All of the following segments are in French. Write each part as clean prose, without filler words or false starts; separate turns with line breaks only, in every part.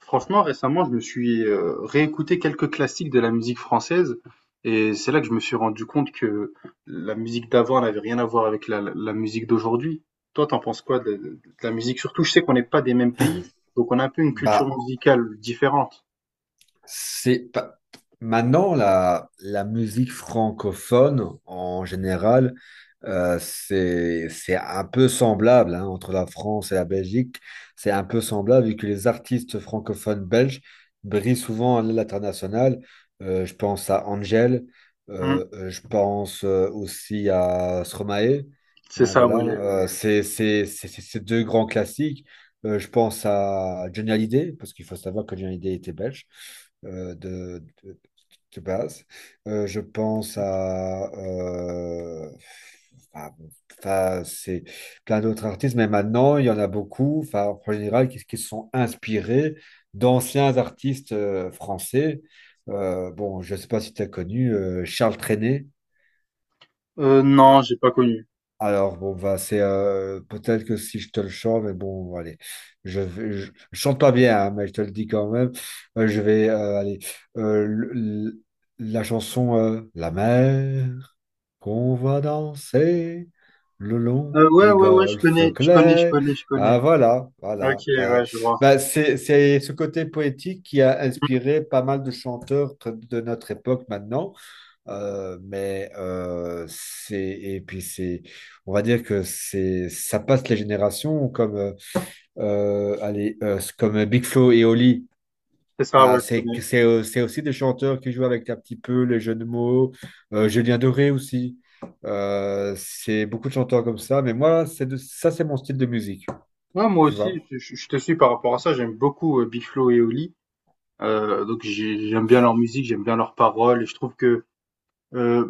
Franchement, récemment, je me suis réécouté quelques classiques de la musique française et c'est là que je me suis rendu compte que la musique d'avant n'avait rien à voir avec la musique d'aujourd'hui. Toi, t'en penses quoi de la musique? Surtout, je sais qu'on n'est pas des mêmes pays, donc on a un peu une culture
Bah,
musicale différente.
c'est pas- Maintenant la musique francophone en général, c'est un peu semblable, hein, entre la France et la Belgique. C'est un peu semblable vu que les artistes francophones belges brillent souvent à l'international. Je pense à Angèle,
Hmm,
je pense, aussi à Stromae.
c'est
Hein,
ça,
voilà.
ouais. Ouais,
Euh,
ouais.
c'est c'est- c'est- c'est- c'est deux grands classiques. Je pense à Johnny Hallyday, parce qu'il faut savoir que Johnny Hallyday était belge, euh, de, de- de base. Je pense à... ah, bon, enfin, c'est plein d'autres artistes, mais maintenant, il y en a beaucoup, enfin, en général, qui se sont inspirés d'anciens artistes, français. Bon, je ne sais pas si tu as connu, Charles Trenet.
Non,
Ah,
j'ai pas connu.
alors, bon, bah, c'est, peut-être que si je te le chante, mais bon, allez, je chante pas bien, hein, mais je te le dis quand même. Je vais, allez, euh, le- le- la chanson, La mer, qu'on va danser le long
Ouais,
des
ouais, ouais, je
golfes
connais, je connais, je
clairs.
connais, je connais.
Ah, voilà, voilà.
Ok,
Bah,
ouais, je vois.
bah, c'est ce côté poétique qui a inspiré pas mal de chanteurs de notre époque maintenant. Mais c'est Et puis c'est on va dire que c'est ça passe les générations, comme, allez, comme Big Flo et Oli.
C'est ça,
Bah,
ouais, je
c'est que-
connais.
c'est C'est aussi des chanteurs qui jouent avec un petit peu les jeux de mots. Julien Doré aussi. C'est beaucoup de chanteurs comme ça, mais moi ça c'est mon style de musique,
Ouais, moi
tu
aussi,
vois.
je te suis par rapport à ça. J'aime beaucoup Big Flo et Oli. Donc j'aime bien leur musique, j'aime bien leurs paroles et je trouve que euh,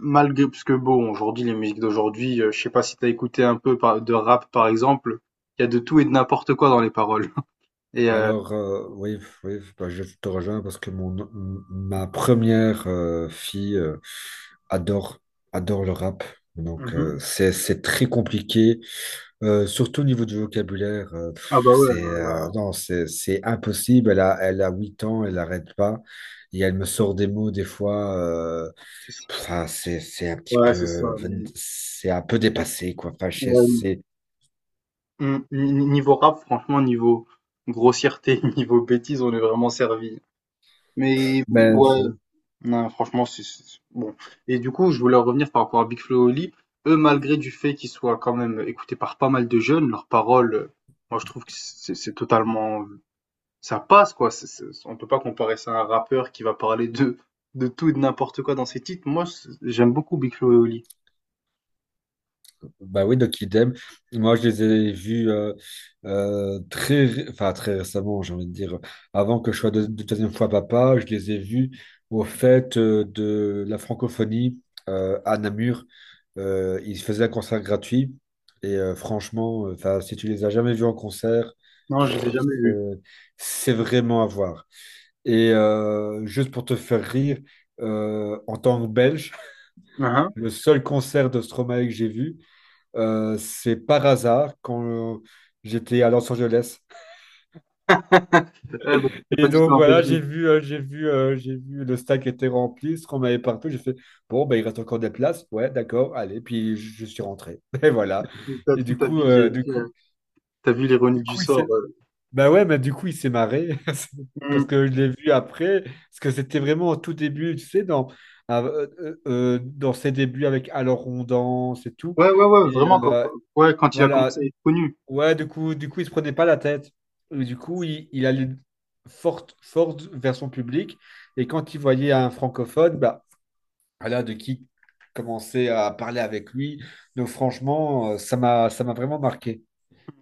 malgré parce que bon aujourd'hui les musiques d'aujourd'hui, je sais pas si t'as écouté un peu de rap par exemple, il y a de tout et de n'importe quoi dans les paroles. Et
Alors, oui, oui, bah, je te rejoins, parce que ma première, fille, adore, adore le rap. Donc,
Mhm.
c'est très compliqué. Surtout au niveau du vocabulaire.
Ah bah ouais,
Non, c'est impossible. Elle a 8 ans, elle n'arrête pas. Et elle me sort des mots des fois.
c'est ça.
Ah, c'est un petit
Ouais c'est ça.
peu,
Mais,
c'est un peu dépassé, quoi.
ouais, niveau rap franchement niveau grossièreté, niveau bêtise on est vraiment servi. Mais
Ben,
ouais.
enfin,
Non, franchement, bon. Et du coup, je voulais en revenir par rapport à Big Flo et Oli. Eux, malgré du fait qu'ils soient quand même écoutés par pas mal de jeunes, leurs paroles, moi, je trouve que c'est totalement, ça passe, quoi. On peut pas comparer ça à un rappeur qui va parler de tout et de n'importe quoi dans ses titres. Moi, j'aime beaucoup Big Flo et Oli.
bah oui, donc idem. Moi, je les ai vus, enfin, très récemment, j'ai envie de dire. Avant que je sois deuxième fois papa, je les ai vus au fait, de la francophonie, à Namur. Ils faisaient un concert gratuit. Et, franchement, enfin, si tu les as jamais vus en concert,
Non, je les ai jamais vus.
euh, c'est vraiment à voir. Et, juste pour te faire rire, en tant que Belge,
Hein.
le seul concert de Stromae que j'ai vu, c'est par hasard quand, euh, j'étais à Los Angeles.
Ouais, donc, c'est pas
Et
du tout
donc
en
voilà,
Belgique.
j'ai vu le stack était rempli, ce qu'on m'avait partout. J'ai fait, bon, ben, il reste encore des places. Ouais, d'accord, allez. Puis je suis rentré. Et voilà.
T'as
Et du coup,
t'as vu l'ironie du
il
sort.
s'est...
euh.
Bah ouais, mais du coup, il s'est marré. Parce
Mm.
que je l'ai vu après. Parce que c'était vraiment au tout début, tu sais, dans ses débuts avec Alors on danse et tout.
Ouais, ouais, ouais,
Et,
vraiment. Ouais, quand il a commencé
voilà.
à être connu.
Ouais, du coup, il se prenait pas la tête. Et du coup, il allait fort, fort vers son public. Et quand il voyait un francophone, bah, voilà, de qui commencer à parler avec lui. Donc, franchement, ça m'a vraiment marqué.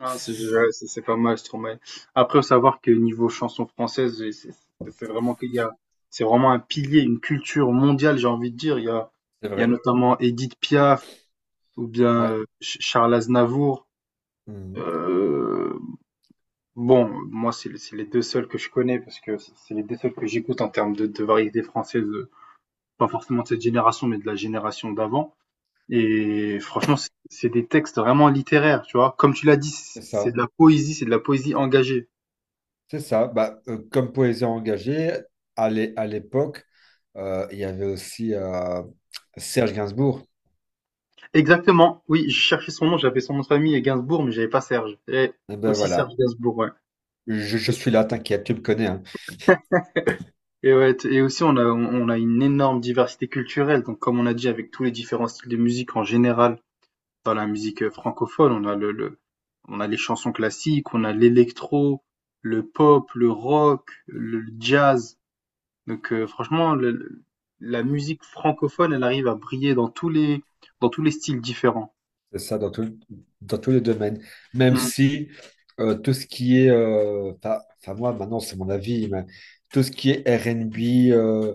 Ah, c'est
C'est
ouais, c'est pas mal, Stromae. Après, faut savoir que niveau chanson française, c'est vraiment qu'il y a, c'est vraiment un pilier, une culture mondiale, j'ai envie de dire. Il y a
vrai.
notamment Edith Piaf ou bien
Ouais.
Charles Aznavour.
Mhm.
Euh, bon, moi, c'est les deux seuls que je connais parce que c'est les deux seuls que j'écoute en termes de variété française, pas forcément de cette génération, mais de la génération d'avant. Et franchement, c'est des textes vraiment littéraires, tu vois. Comme tu l'as dit,
C'est
c'est de
ça.
la poésie, c'est de la poésie engagée.
C'est ça. Bah, comme poésie engagée, à l'époque, il y avait aussi, Serge Gainsbourg.
Exactement, oui, je cherchais son nom, j'avais son nom de famille et Gainsbourg, mais j'avais pas Serge. Et
Et ben
aussi Serge
voilà.
Gainsbourg, ouais.
Je suis là, t'inquiète, tu me connais, hein.
Et ouais, et aussi on a une énorme diversité culturelle. Donc comme on a dit avec tous les différents styles de musique en général, dans la musique francophone, on a on a les chansons classiques, on a l'électro, le pop, le rock, le jazz. Donc franchement, la musique francophone, elle arrive à briller dans tous les styles différents.
C'est ça dans tout, dans tous les domaines. Même si, tout ce qui est, enfin moi maintenant c'est mon avis, mais tout ce qui est R&B, euh,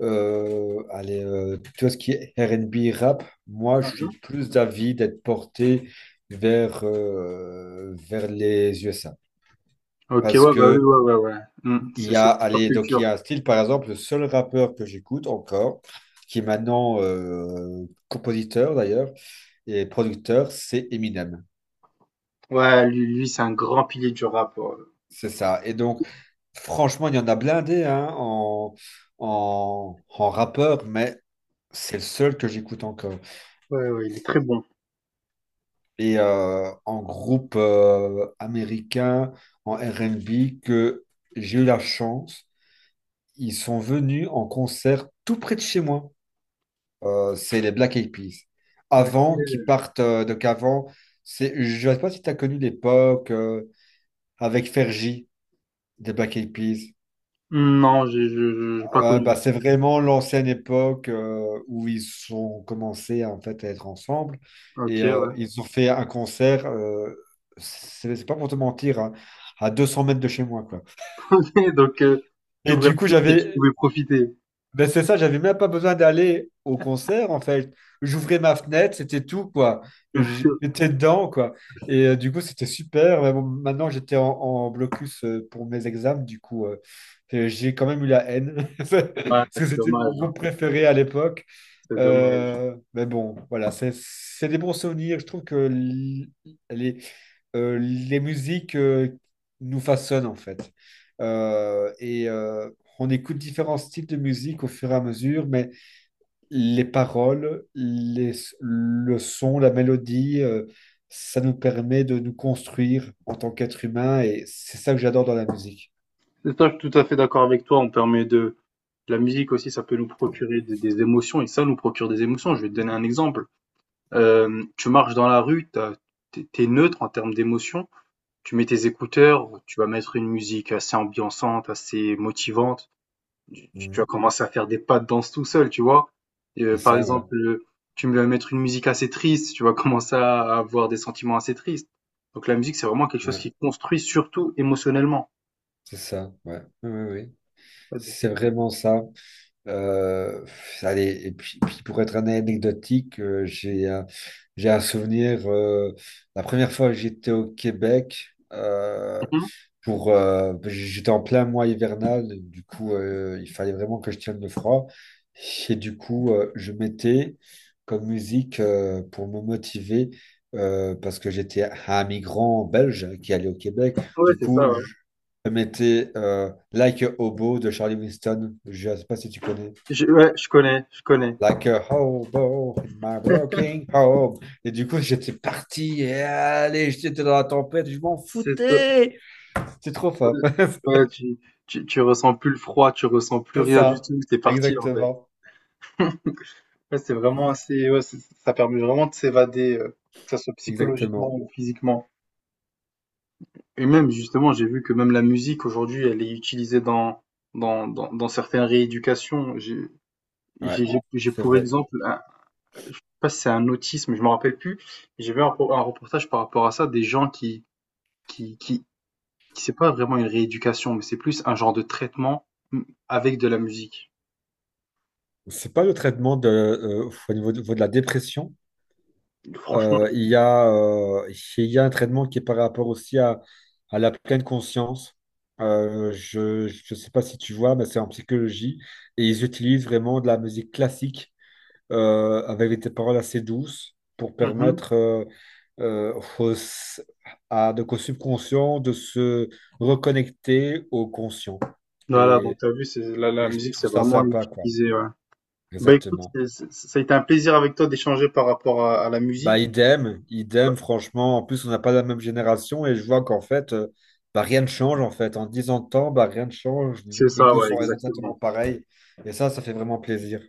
euh, allez, tout ce qui est R&B rap, moi je suis
Mm.
plus d'avis d'être porté vers les USA.
OK,
Parce
ouais, bah oui,
que
ouais, ouais, ouais. Mmh,
il
c'est
y
c'est
a,
pop
allez, donc il y
culture.
a un style, par exemple, le seul rappeur que j'écoute encore, qui est maintenant, compositeur d'ailleurs et producteur, c'est Eminem.
Ouais, lui c'est un grand pilier du rap. Ouais,
C'est ça. Et donc, franchement, il y en a blindé, hein, en rappeur, mais c'est le seul que j'écoute encore.
ouais, ouais, il est très bon.
Et, en groupe, américain, en R&B, que j'ai eu la chance, ils sont venus en concert tout près de chez moi. C'est les Black Eyed Peas. Avant qu'ils
OK.
partent, donc avant, je ne sais pas si tu as connu l'époque, avec Fergie des Black Eyed Peas.
Hmm, non, j'ai pas
Bah,
connu.
c'est vraiment l'ancienne époque, où ils ont commencé en fait à être ensemble, et,
OK, ouais.
ils ont fait un concert. C'est pas pour te mentir, hein, à 200 mètres de chez moi, quoi.
Donc,
Et
t'ouvrais la
du coup,
fenêtre et tu
j'avais
pouvais profiter.
Ben c'est ça, j'avais même pas besoin d'aller au concert en fait. J'ouvrais ma fenêtre, c'était tout, quoi. J'étais dedans, quoi. Et, du coup, c'était super. Mais bon, maintenant, j'étais en blocus, pour mes examens. Du coup, j'ai quand même eu la haine parce
Ouais,
que
c'est
c'était mon
dommage, hein.
groupe préféré à l'époque.
C'est dommage.
Mais bon, voilà, c'est des bons souvenirs. Je trouve que les, les musiques, nous façonnent en fait. Euh, et euh, on écoute différents styles de musique au fur et à mesure, mais les paroles, les, le son, la mélodie, ça nous permet de nous construire en tant qu'être humain, et c'est ça que j'adore dans la musique.
Et toi, je suis tout à fait d'accord avec toi. On permet de la musique aussi, ça peut nous procurer des émotions et ça nous procure des émotions. Je vais te donner un exemple. Tu marches dans la rue, t'es neutre en termes d'émotions. Tu mets tes écouteurs, tu vas mettre une musique assez ambiançante, assez motivante. Tu vas
Mhm.
commencer à faire des pas de danse tout seul, tu vois?
C'est
Par
ça, ouais.
exemple, tu vas mettre une musique assez triste, tu vas commencer à avoir des sentiments assez tristes. Donc la musique, c'est vraiment quelque chose
Ouais.
qui construit surtout émotionnellement.
C'est ça, ouais. Oui, oui, oui. C'est vraiment ça. Euh, Allez, et puis pour être un anecdotique, j'ai un souvenir. La première fois que j'étais au Québec,
Mhm.
j'étais en plein mois hivernal, du coup, il fallait vraiment que je tienne le froid. Et du coup, je mettais comme musique, pour me motiver, parce que j'étais un migrant belge qui allait au Québec.
Ouais,
Du
c'est
coup,
ça, ouais.
je mettais, Like a Hobo de Charlie Winston. Je ne sais pas si tu connais.
Je, ouais, je connais, je connais.
Like a hobo in my broken home. Et du coup, j'étais parti. Et allez, j'étais dans la tempête. Je m'en
C'est ça.
foutais. C'est trop fort.
Ouais, tu ressens plus le froid, tu ressens plus
C'est
rien du
ça.
tout, t'es parti en fait.
Exactement.
Ouais, c'est vraiment assez, ouais, ça permet vraiment de s'évader, que ce soit psychologiquement
Exactement.
ou physiquement. Et même, justement, j'ai vu que même la musique aujourd'hui, elle est utilisée dans certaines rééducations.
Ouais,
J'ai
c'est
pour
vrai.
exemple, je sais pas si c'est un autisme, je me rappelle plus. J'ai vu un, un reportage par rapport à ça, des gens qui, qui, qui c'est pas vraiment une rééducation, mais c'est plus un genre de traitement mm, avec de la musique.
C'est pas le traitement au niveau de la dépression.
Franchement,
Euh, il y a, euh, il y a un traitement qui est par rapport aussi à la pleine conscience. Je ne sais pas si tu vois, mais c'est en psychologie. Et ils utilisent vraiment de la musique classique, avec des paroles assez douces pour
mhm.
permettre, aux- à donc au subconscient de se reconnecter au conscient.
Voilà, donc
Et,
t'as vu, c'est, la
et je
musique, c'est
trouve ça
vraiment
sympa, quoi.
utilisé, ouais. Bah écoute,
Exactement.
ça a été un plaisir avec toi d'échanger par rapport à la
Bah,
musique.
idem, idem, franchement. En plus, on n'a pas la même génération, et je vois qu'en fait, bah, rien ne change, en fait. En 10 ans de temps, bah, rien ne change.
C'est
Les
ça,
goûts
ouais,
sont exactement
exactement.
pareils. Et ça fait vraiment plaisir.